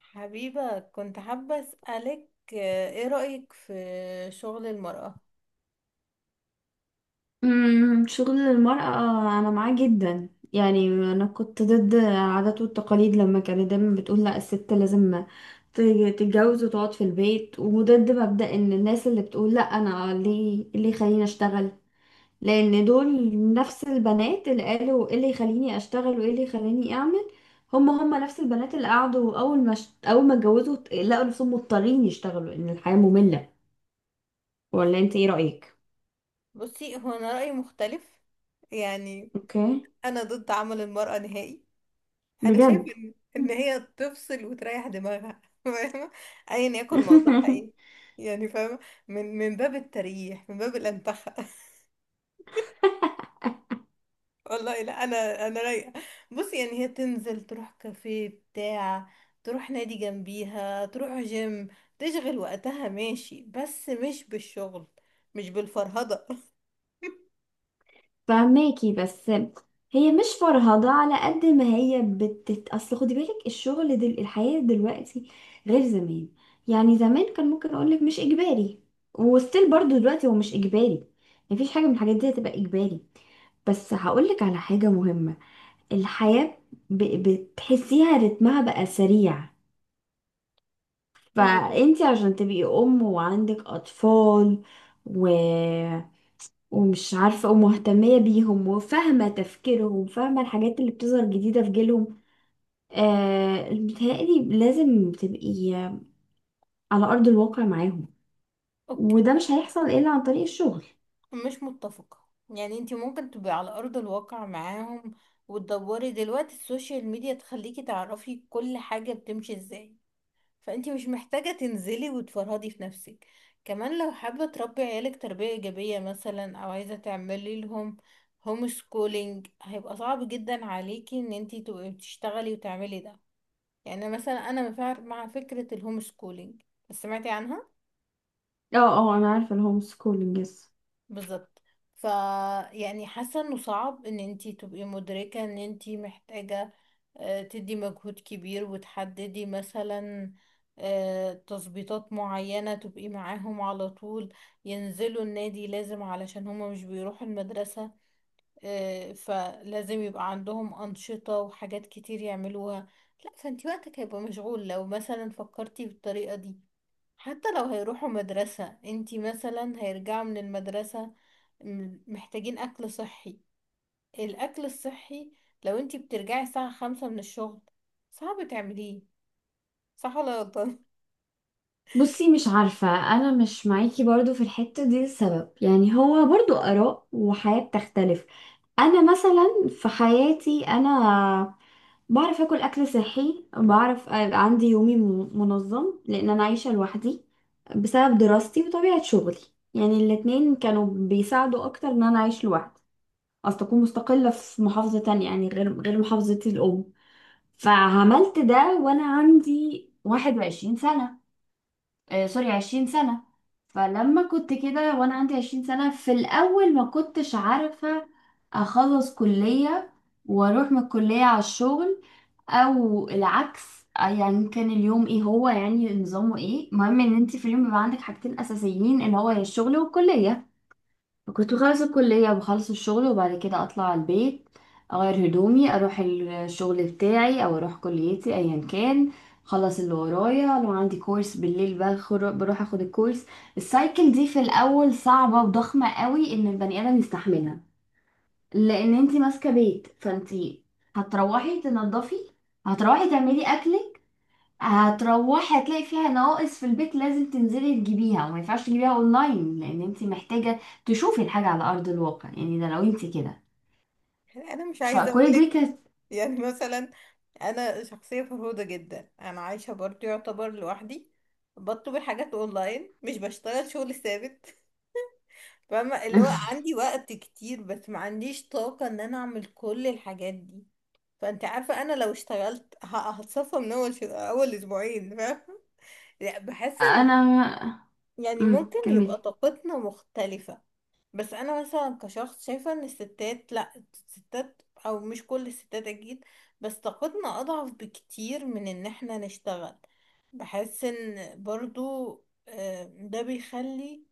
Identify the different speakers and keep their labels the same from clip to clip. Speaker 1: حبيبة، كنت حابة أسألك ايه رأيك في شغل المرأة؟
Speaker 2: شغل المرأة أنا معاه جدا. يعني أنا كنت ضد العادات والتقاليد لما كانت دايما بتقول لا الست لازم ت- تتجوز وتقعد في البيت، وضد مبدأ إن الناس اللي بتقول لا أنا ليه اللي يخليني أشتغل، لأن دول نفس البنات اللي قالوا إيه اللي يخليني أشتغل وإيه اللي يخليني أعمل. هما نفس البنات اللي قعدوا أول ما أول ما اتجوزوا لقوا نفسهم مضطرين يشتغلوا، إن الحياة مملة. ولا أنت إيه رأيك؟
Speaker 1: بصي، هو أنا رأيي مختلف. يعني
Speaker 2: أوكي.
Speaker 1: أنا ضد عمل المرأة نهائي. أنا شايفة
Speaker 2: بجد.
Speaker 1: إن هي تفصل وتريح دماغها فاهمة؟ أيا يكن موضوعها ايه. يعني فاهمة. من باب التريح، من باب الأنتخة. والله لا، انا رايقه. بصي، يعني هي تنزل، تروح كافيه بتاع، تروح نادي جنبيها، تروح جيم، تشغل وقتها. ماشي، بس مش بالشغل، مش بالفرهده
Speaker 2: فهماكي، بس هي مش فرهضة على قد ما هي اصل خدي بالك الشغل الحياة دلوقتي غير زمان. يعني زمان كان ممكن اقولك مش اجباري، وستيل برضو دلوقتي هو مش اجباري، مفيش حاجة من الحاجات دي هتبقى اجباري. بس هقولك على حاجة مهمة، الحياة ب... بتحسيها رتمها بقى سريع.
Speaker 1: ومت...
Speaker 2: فانتي عشان تبقي ام وعندك اطفال و... ومش عارفة، ومهتمية بيهم وفاهمة تفكيرهم، فاهمة الحاجات اللي بتظهر جديدة في جيلهم، آه متهيألي لازم تبقي على أرض الواقع معاهم.
Speaker 1: أوكي.
Speaker 2: وده
Speaker 1: أوكي.
Speaker 2: مش هيحصل إلا عن طريق الشغل.
Speaker 1: مش متفقة. يعني انتي ممكن تبقي على أرض الواقع معاهم، وتدوري دلوقتي السوشيال ميديا تخليكي تعرفي كل حاجة بتمشي ازاي. فانتي مش محتاجة تنزلي وتفرهدي في نفسك. كمان لو حابة تربي عيالك تربية ايجابية مثلا، او عايزة تعملي لهم هوم سكولينج، هيبقى صعب جدا عليكي ان انتي تبقي بتشتغلي وتعملي ده. يعني مثلا انا مع فكرة الهوم سكولينج. سمعتي عنها؟
Speaker 2: اه اه، أنا عارفة الهوم سكولينج، يس.
Speaker 1: بالظبط. ف يعني حاسه انه صعب ان انتي تبقي مدركه ان انتي محتاجه تدي مجهود كبير، وتحددي مثلا تظبيطات معينه، تبقي معاهم على طول. ينزلوا النادي لازم، علشان هما مش بيروحوا المدرسه. فلازم يبقى عندهم انشطه وحاجات كتير يعملوها. لا، فانتي وقتك هيبقى مشغول لو مثلا فكرتي بالطريقه دي. حتى لو هيروحوا مدرسة، انتي مثلا هيرجعوا من المدرسة محتاجين أكل صحي. الأكل الصحي، لو انتي بترجعي الساعة 5 من الشغل، صعب تعمليه. صح ولا غلطان؟
Speaker 2: بصي مش عارفة، أنا مش معاكي برضو في الحتة دي. السبب يعني هو برضو آراء وحياة بتختلف. انا مثلا في حياتي، انا بعرف اكل اكل صحي، بعرف أبقى عندي يومي منظم، لان انا عايشه لوحدي بسبب دراستي وطبيعه شغلي. يعني الاتنين كانوا بيساعدوا اكتر ان انا اعيش لوحدي، اصل اكون مستقله في محافظه تانية، يعني غير محافظتي الام. فعملت ده وانا عندي 21 سنه. آه سوري، 20 سنه. فلما كنت كده وانا عندي 20 سنه، في الاول ما كنتش عارفه اخلص كليه واروح من الكليه على الشغل او العكس. يعني كان اليوم ايه، هو يعني نظامه ايه، المهم ان انت في اليوم بيبقى عندك حاجتين اساسيين، اللي هو يا الشغل والكليه. كنت بخلص الكليه، بخلص الشغل، وبعد كده اطلع على البيت، اغير هدومي، اروح الشغل بتاعي او اروح كليتي ايا كان. خلص اللي ورايا، لو عندي كورس بالليل بروح اخد الكورس. السايكل دي في الاول صعبه وضخمه قوي ان البني ادم يستحملها. لان انت ماسكه بيت، فانت هتروحي تنظفي، هتروحي تعملي اكلك، هتروحي هتلاقي فيها نواقص في البيت لازم تنزلي تجيبيها، وما ينفعش تجيبيها اونلاين لان انت محتاجه تشوفي الحاجه على ارض الواقع. يعني ده لو انت كده.
Speaker 1: أنا مش عايزة
Speaker 2: فكل
Speaker 1: أقولك.
Speaker 2: دي كانت...
Speaker 1: يعني مثلا أنا شخصية فرهودة جدا، أنا عايشة برضه يعتبر لوحدي، بطلب الحاجات أونلاين، مش بشتغل شغل ثابت. فاهمة اللي هو عندي وقت كتير، بس ما عنديش طاقة ان انا اعمل كل الحاجات دي. فانت عارفة، انا لو اشتغلت هتصفى من اول اول اسبوعين. فاهمة لا، بحس ان،
Speaker 2: انا...
Speaker 1: يعني ممكن
Speaker 2: كملي.
Speaker 1: يبقى طاقتنا مختلفة. بس انا مثلا كشخص شايفة ان الستات، لا الستات، او مش كل الستات اكيد، بس طاقتنا اضعف بكتير من ان احنا نشتغل. بحس ان برضو ده بيخلي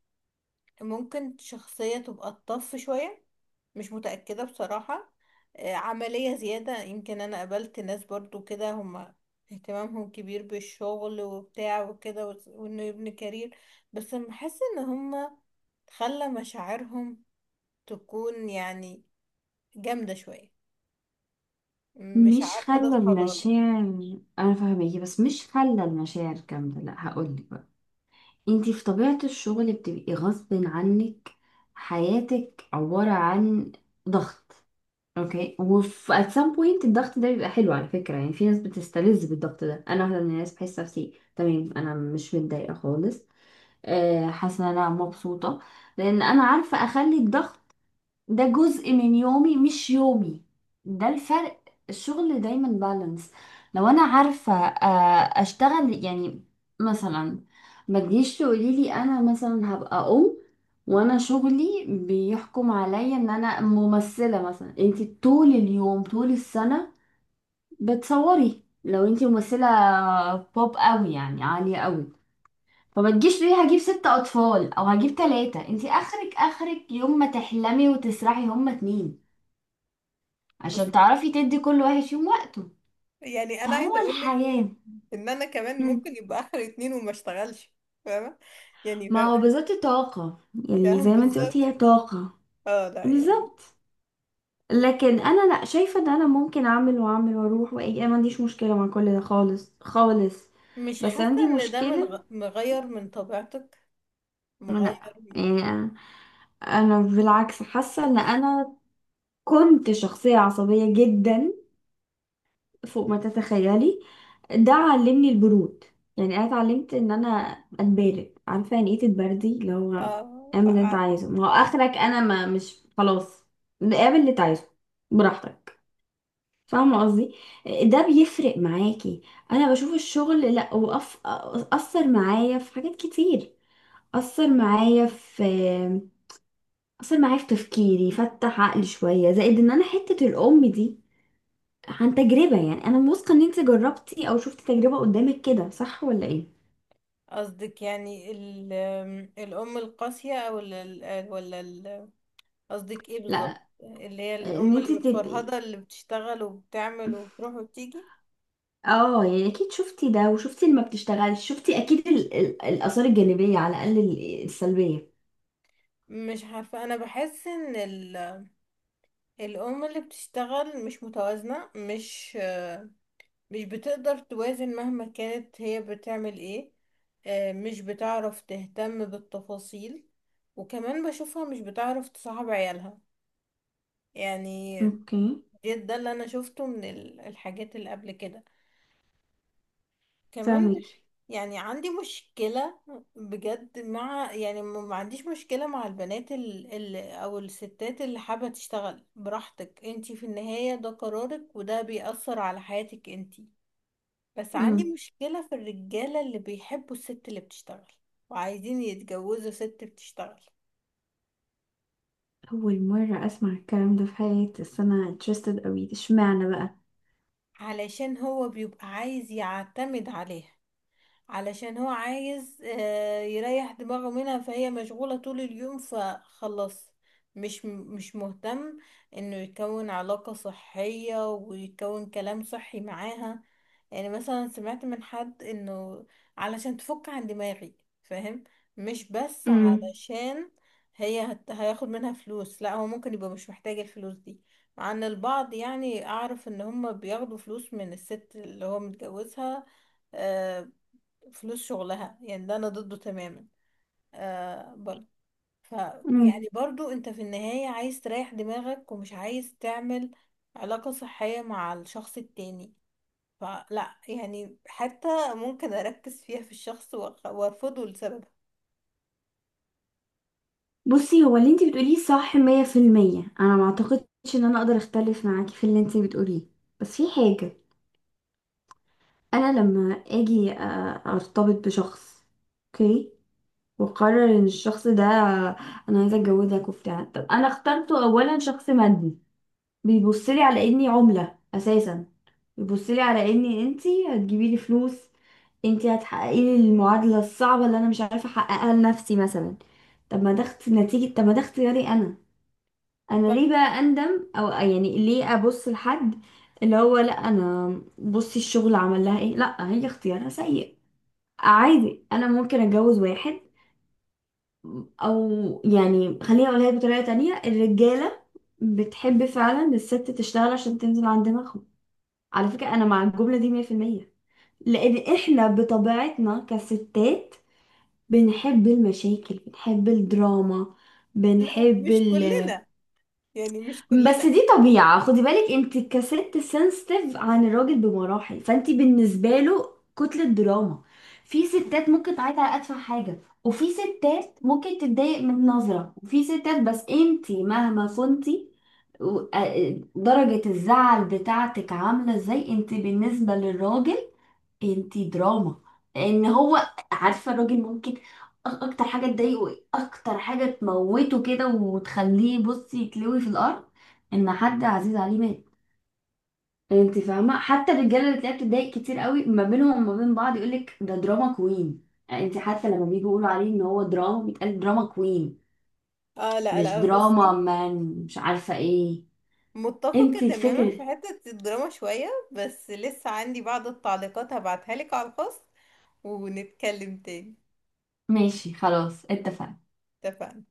Speaker 1: ممكن شخصية تبقى الطف شوية. مش متأكدة بصراحة. عملية زيادة يمكن. أنا قابلت ناس برضو كده هما اهتمامهم كبير بالشغل وبتاع وكده، وإنه يبني كارير. بس بحس إن هما خلى مشاعرهم تكون يعني جامدة شوية. مش
Speaker 2: مش
Speaker 1: عارفة ده
Speaker 2: خلى
Speaker 1: صح ولا غلط.
Speaker 2: المشاعر، انا فاهمك، بس مش خلى المشاعر كامله، لا هقول لك، انتي في طبيعة الشغل بتبقي غصب عنك حياتك عبارة عن ضغط. اوكي. وفي at some point الضغط ده بيبقى حلو على فكرة، يعني في ناس بتستلذ بالضغط ده، انا واحدة من الناس، بحس نفسي تمام، انا مش متضايقة خالص. حاسة ان انا مبسوطة، لان انا عارفة اخلي الضغط ده جزء من يومي مش يومي. ده الفرق. الشغل دايما بالانس. لو انا عارفة اشتغل، يعني مثلا ما تجيش تقولي لي انا مثلا هبقى ام وانا شغلي بيحكم عليا ان انا ممثلة مثلا، انت طول اليوم طول السنة بتصوري. لو انت ممثلة بوب قوي يعني عالية قوي، فما تجيش تقولي هجيب ست اطفال او هجيب تلاتة. انت اخرك، اخرك يوم ما تحلمي وتسرحي هما اتنين، عشان
Speaker 1: بص،
Speaker 2: تعرفي تدي كل واحد فيهم وقته.
Speaker 1: يعني أنا
Speaker 2: فهو
Speaker 1: عايزة أقولك
Speaker 2: الحياة.
Speaker 1: إن أنا كمان
Speaker 2: مم.
Speaker 1: ممكن يبقى آخر 2 وما اشتغلش. فاهمة. يعني
Speaker 2: ما
Speaker 1: فاهمة.
Speaker 2: هو بالظبط طاقة. يعني
Speaker 1: يعني
Speaker 2: زي ما انت
Speaker 1: بالظبط.
Speaker 2: قلتي، هي طاقة.
Speaker 1: اه، لا.
Speaker 2: بالظبط. لكن انا لا، شايفة ان انا ممكن اعمل واعمل واروح واجي، انا ما عنديش مشكلة مع كل ده خالص خالص.
Speaker 1: مش
Speaker 2: بس
Speaker 1: حاسة
Speaker 2: عندي
Speaker 1: ان ده من
Speaker 2: مشكلة.
Speaker 1: مغير من طبيعتك.
Speaker 2: لا.
Speaker 1: مغير من-
Speaker 2: يعني أنا بالعكس حاسة ان انا كنت شخصية عصبية جدا، فوق ما تتخيلي. ده علمني البرود. يعني انا اتعلمت ان انا اتبارد. عارفه يعني ايه تتبردي؟ اللي هو
Speaker 1: اه،
Speaker 2: اعمل
Speaker 1: لا،
Speaker 2: اللي انت
Speaker 1: عارف.
Speaker 2: عايزه، ما هو اخرك انا، ما مش خلاص. اعمل اللي انت عايزه، براحتك. فاهمه قصدي؟ ده بيفرق معاكي. انا بشوف الشغل، لا اثر معايا في حاجات كتير. اثر معايا في اثر معايا في تفكيري، فتح عقلي شويه، زائد ان انا حته الام دي، عن تجربة. يعني انا واثقة ان انت جربتي او شفتي تجربة قدامك كده، صح ولا ايه؟
Speaker 1: قصدك يعني الأم القاسية، أو ال- ولا ال- قصدك ايه بالظبط؟
Speaker 2: لا،
Speaker 1: اللي هي
Speaker 2: ان
Speaker 1: الأم اللي
Speaker 2: انت تبقي،
Speaker 1: متفرهدة، اللي بتشتغل وبتعمل وبتروح وبتيجي؟
Speaker 2: اه يعني اكيد شفتي ده وشفتي اللي ما بتشتغلش، شفتي اكيد الاثار الجانبية على الاقل السلبية.
Speaker 1: مش عارفة. أنا بحس ان الأم اللي بتشتغل مش متوازنة، مش بتقدر توازن مهما كانت هي بتعمل ايه. مش بتعرف تهتم بالتفاصيل، وكمان بشوفها مش بتعرف تصاحب عيالها. يعني
Speaker 2: اوكي.
Speaker 1: ده اللي انا شفته من الحاجات اللي قبل كده. كمان
Speaker 2: فاهمك.
Speaker 1: يعني عندي مشكلة بجد، مع، يعني ما عنديش مشكلة مع البنات ال او الستات اللي حابة تشتغل. براحتك، انتي في النهاية ده قرارك، وده بيأثر على حياتك انتي. بس عندي
Speaker 2: امم
Speaker 1: مشكلة في الرجالة اللي بيحبوا الست اللي بتشتغل وعايزين يتجوزوا ست بتشتغل.
Speaker 2: اول مرة اسمع الكلام ده في حياتي، بس انا interested قوي. ده اشمعنى بقى؟
Speaker 1: علشان هو بيبقى عايز يعتمد عليها، علشان هو عايز يريح دماغه منها، فهي مشغولة طول اليوم فخلاص. مش مهتم انه يكون علاقة صحية ويكون كلام صحي معاها. يعني مثلا سمعت من حد انه علشان تفك عن دماغي. فاهم؟ مش بس
Speaker 2: امم
Speaker 1: علشان هياخد منها فلوس، لا. هو ممكن يبقى مش محتاج الفلوس دي، مع ان البعض، يعني، اعرف ان هم بياخدوا فلوس من الست اللي هو متجوزها، آه، فلوس شغلها. يعني ده انا ضده تماما. برضه. ف
Speaker 2: امم
Speaker 1: يعني برضه انت في النهاية عايز تريح دماغك، ومش عايز تعمل علاقة صحية مع الشخص التاني. فلا، يعني حتى ممكن اركز فيها في الشخص وارفضه لسبب.
Speaker 2: بصي هو اللي انت بتقوليه صح 100%. انا ما اعتقدش ان انا اقدر اختلف معاكي في اللي انت بتقوليه، بس في حاجة. انا لما اجي ارتبط بشخص، اوكي، وقرر ان الشخص ده، انا عايزه اتجوزك وبتاع، طب انا اخترته اولا شخص مادي، بيبص لي على اني عمله اساسا، بيبص لي على اني انتي هتجيبي لي فلوس، انتي هتحققي لي المعادله الصعبه اللي انا مش عارفه احققها لنفسي مثلا. طب ما ده نتيجه، طب ما ده اختياري انا. انا
Speaker 1: ف...
Speaker 2: ليه بقى اندم او، يعني ليه ابص لحد اللي هو، لا انا، بصي الشغل عمل لها ايه، لا هي اختيارها سيء عادي. انا ممكن اتجوز واحد، او يعني خليني اقولها لك بطريقه تانية، الرجاله بتحب فعلا الست تشتغل عشان تنزل عند دماغهم. على فكره انا مع الجمله دي 100%. لان احنا بطبيعتنا كستات بنحب المشاكل، بنحب الدراما،
Speaker 1: لا،
Speaker 2: بنحب
Speaker 1: مش
Speaker 2: ال...
Speaker 1: كلنا. يعني مش
Speaker 2: بس
Speaker 1: كلنا.
Speaker 2: دي طبيعة، خدي بالك انت كست سنسيتيف عن الراجل بمراحل، فانت بالنسبة له كتلة دراما. في ستات ممكن تعيط على أتفه حاجة، وفي ستات ممكن تتضايق من نظرة، وفي ستات، بس انت مهما كنتي درجة الزعل بتاعتك عاملة ازاي، انت بالنسبة للراجل انتي دراما. لان هو عارفه. الراجل ممكن اكتر حاجه تضايقه ايه؟ اكتر حاجه تموته كده وتخليه بصي يتلوي في الارض، ان حد عزيز عليه مات. انت فاهمه؟ حتى الرجاله اللي تلاقيها بتتضايق كتير قوي ما بينهم وما بين بعض يقولك ده دراما كوين. انت حتى لما بيجوا يقولوا عليه ان هو دراما بيتقال دراما كوين،
Speaker 1: اه، لا
Speaker 2: مش
Speaker 1: لا.
Speaker 2: دراما
Speaker 1: بصي،
Speaker 2: مان. مش عارفه ايه.
Speaker 1: متفقة
Speaker 2: انت
Speaker 1: تماما
Speaker 2: الفكره.
Speaker 1: في حتة الدراما شوية، بس لسه عندي بعض التعليقات هبعتها لك على الخاص ونتكلم تاني.
Speaker 2: ماشي خلاص اتفقنا.
Speaker 1: اتفقنا.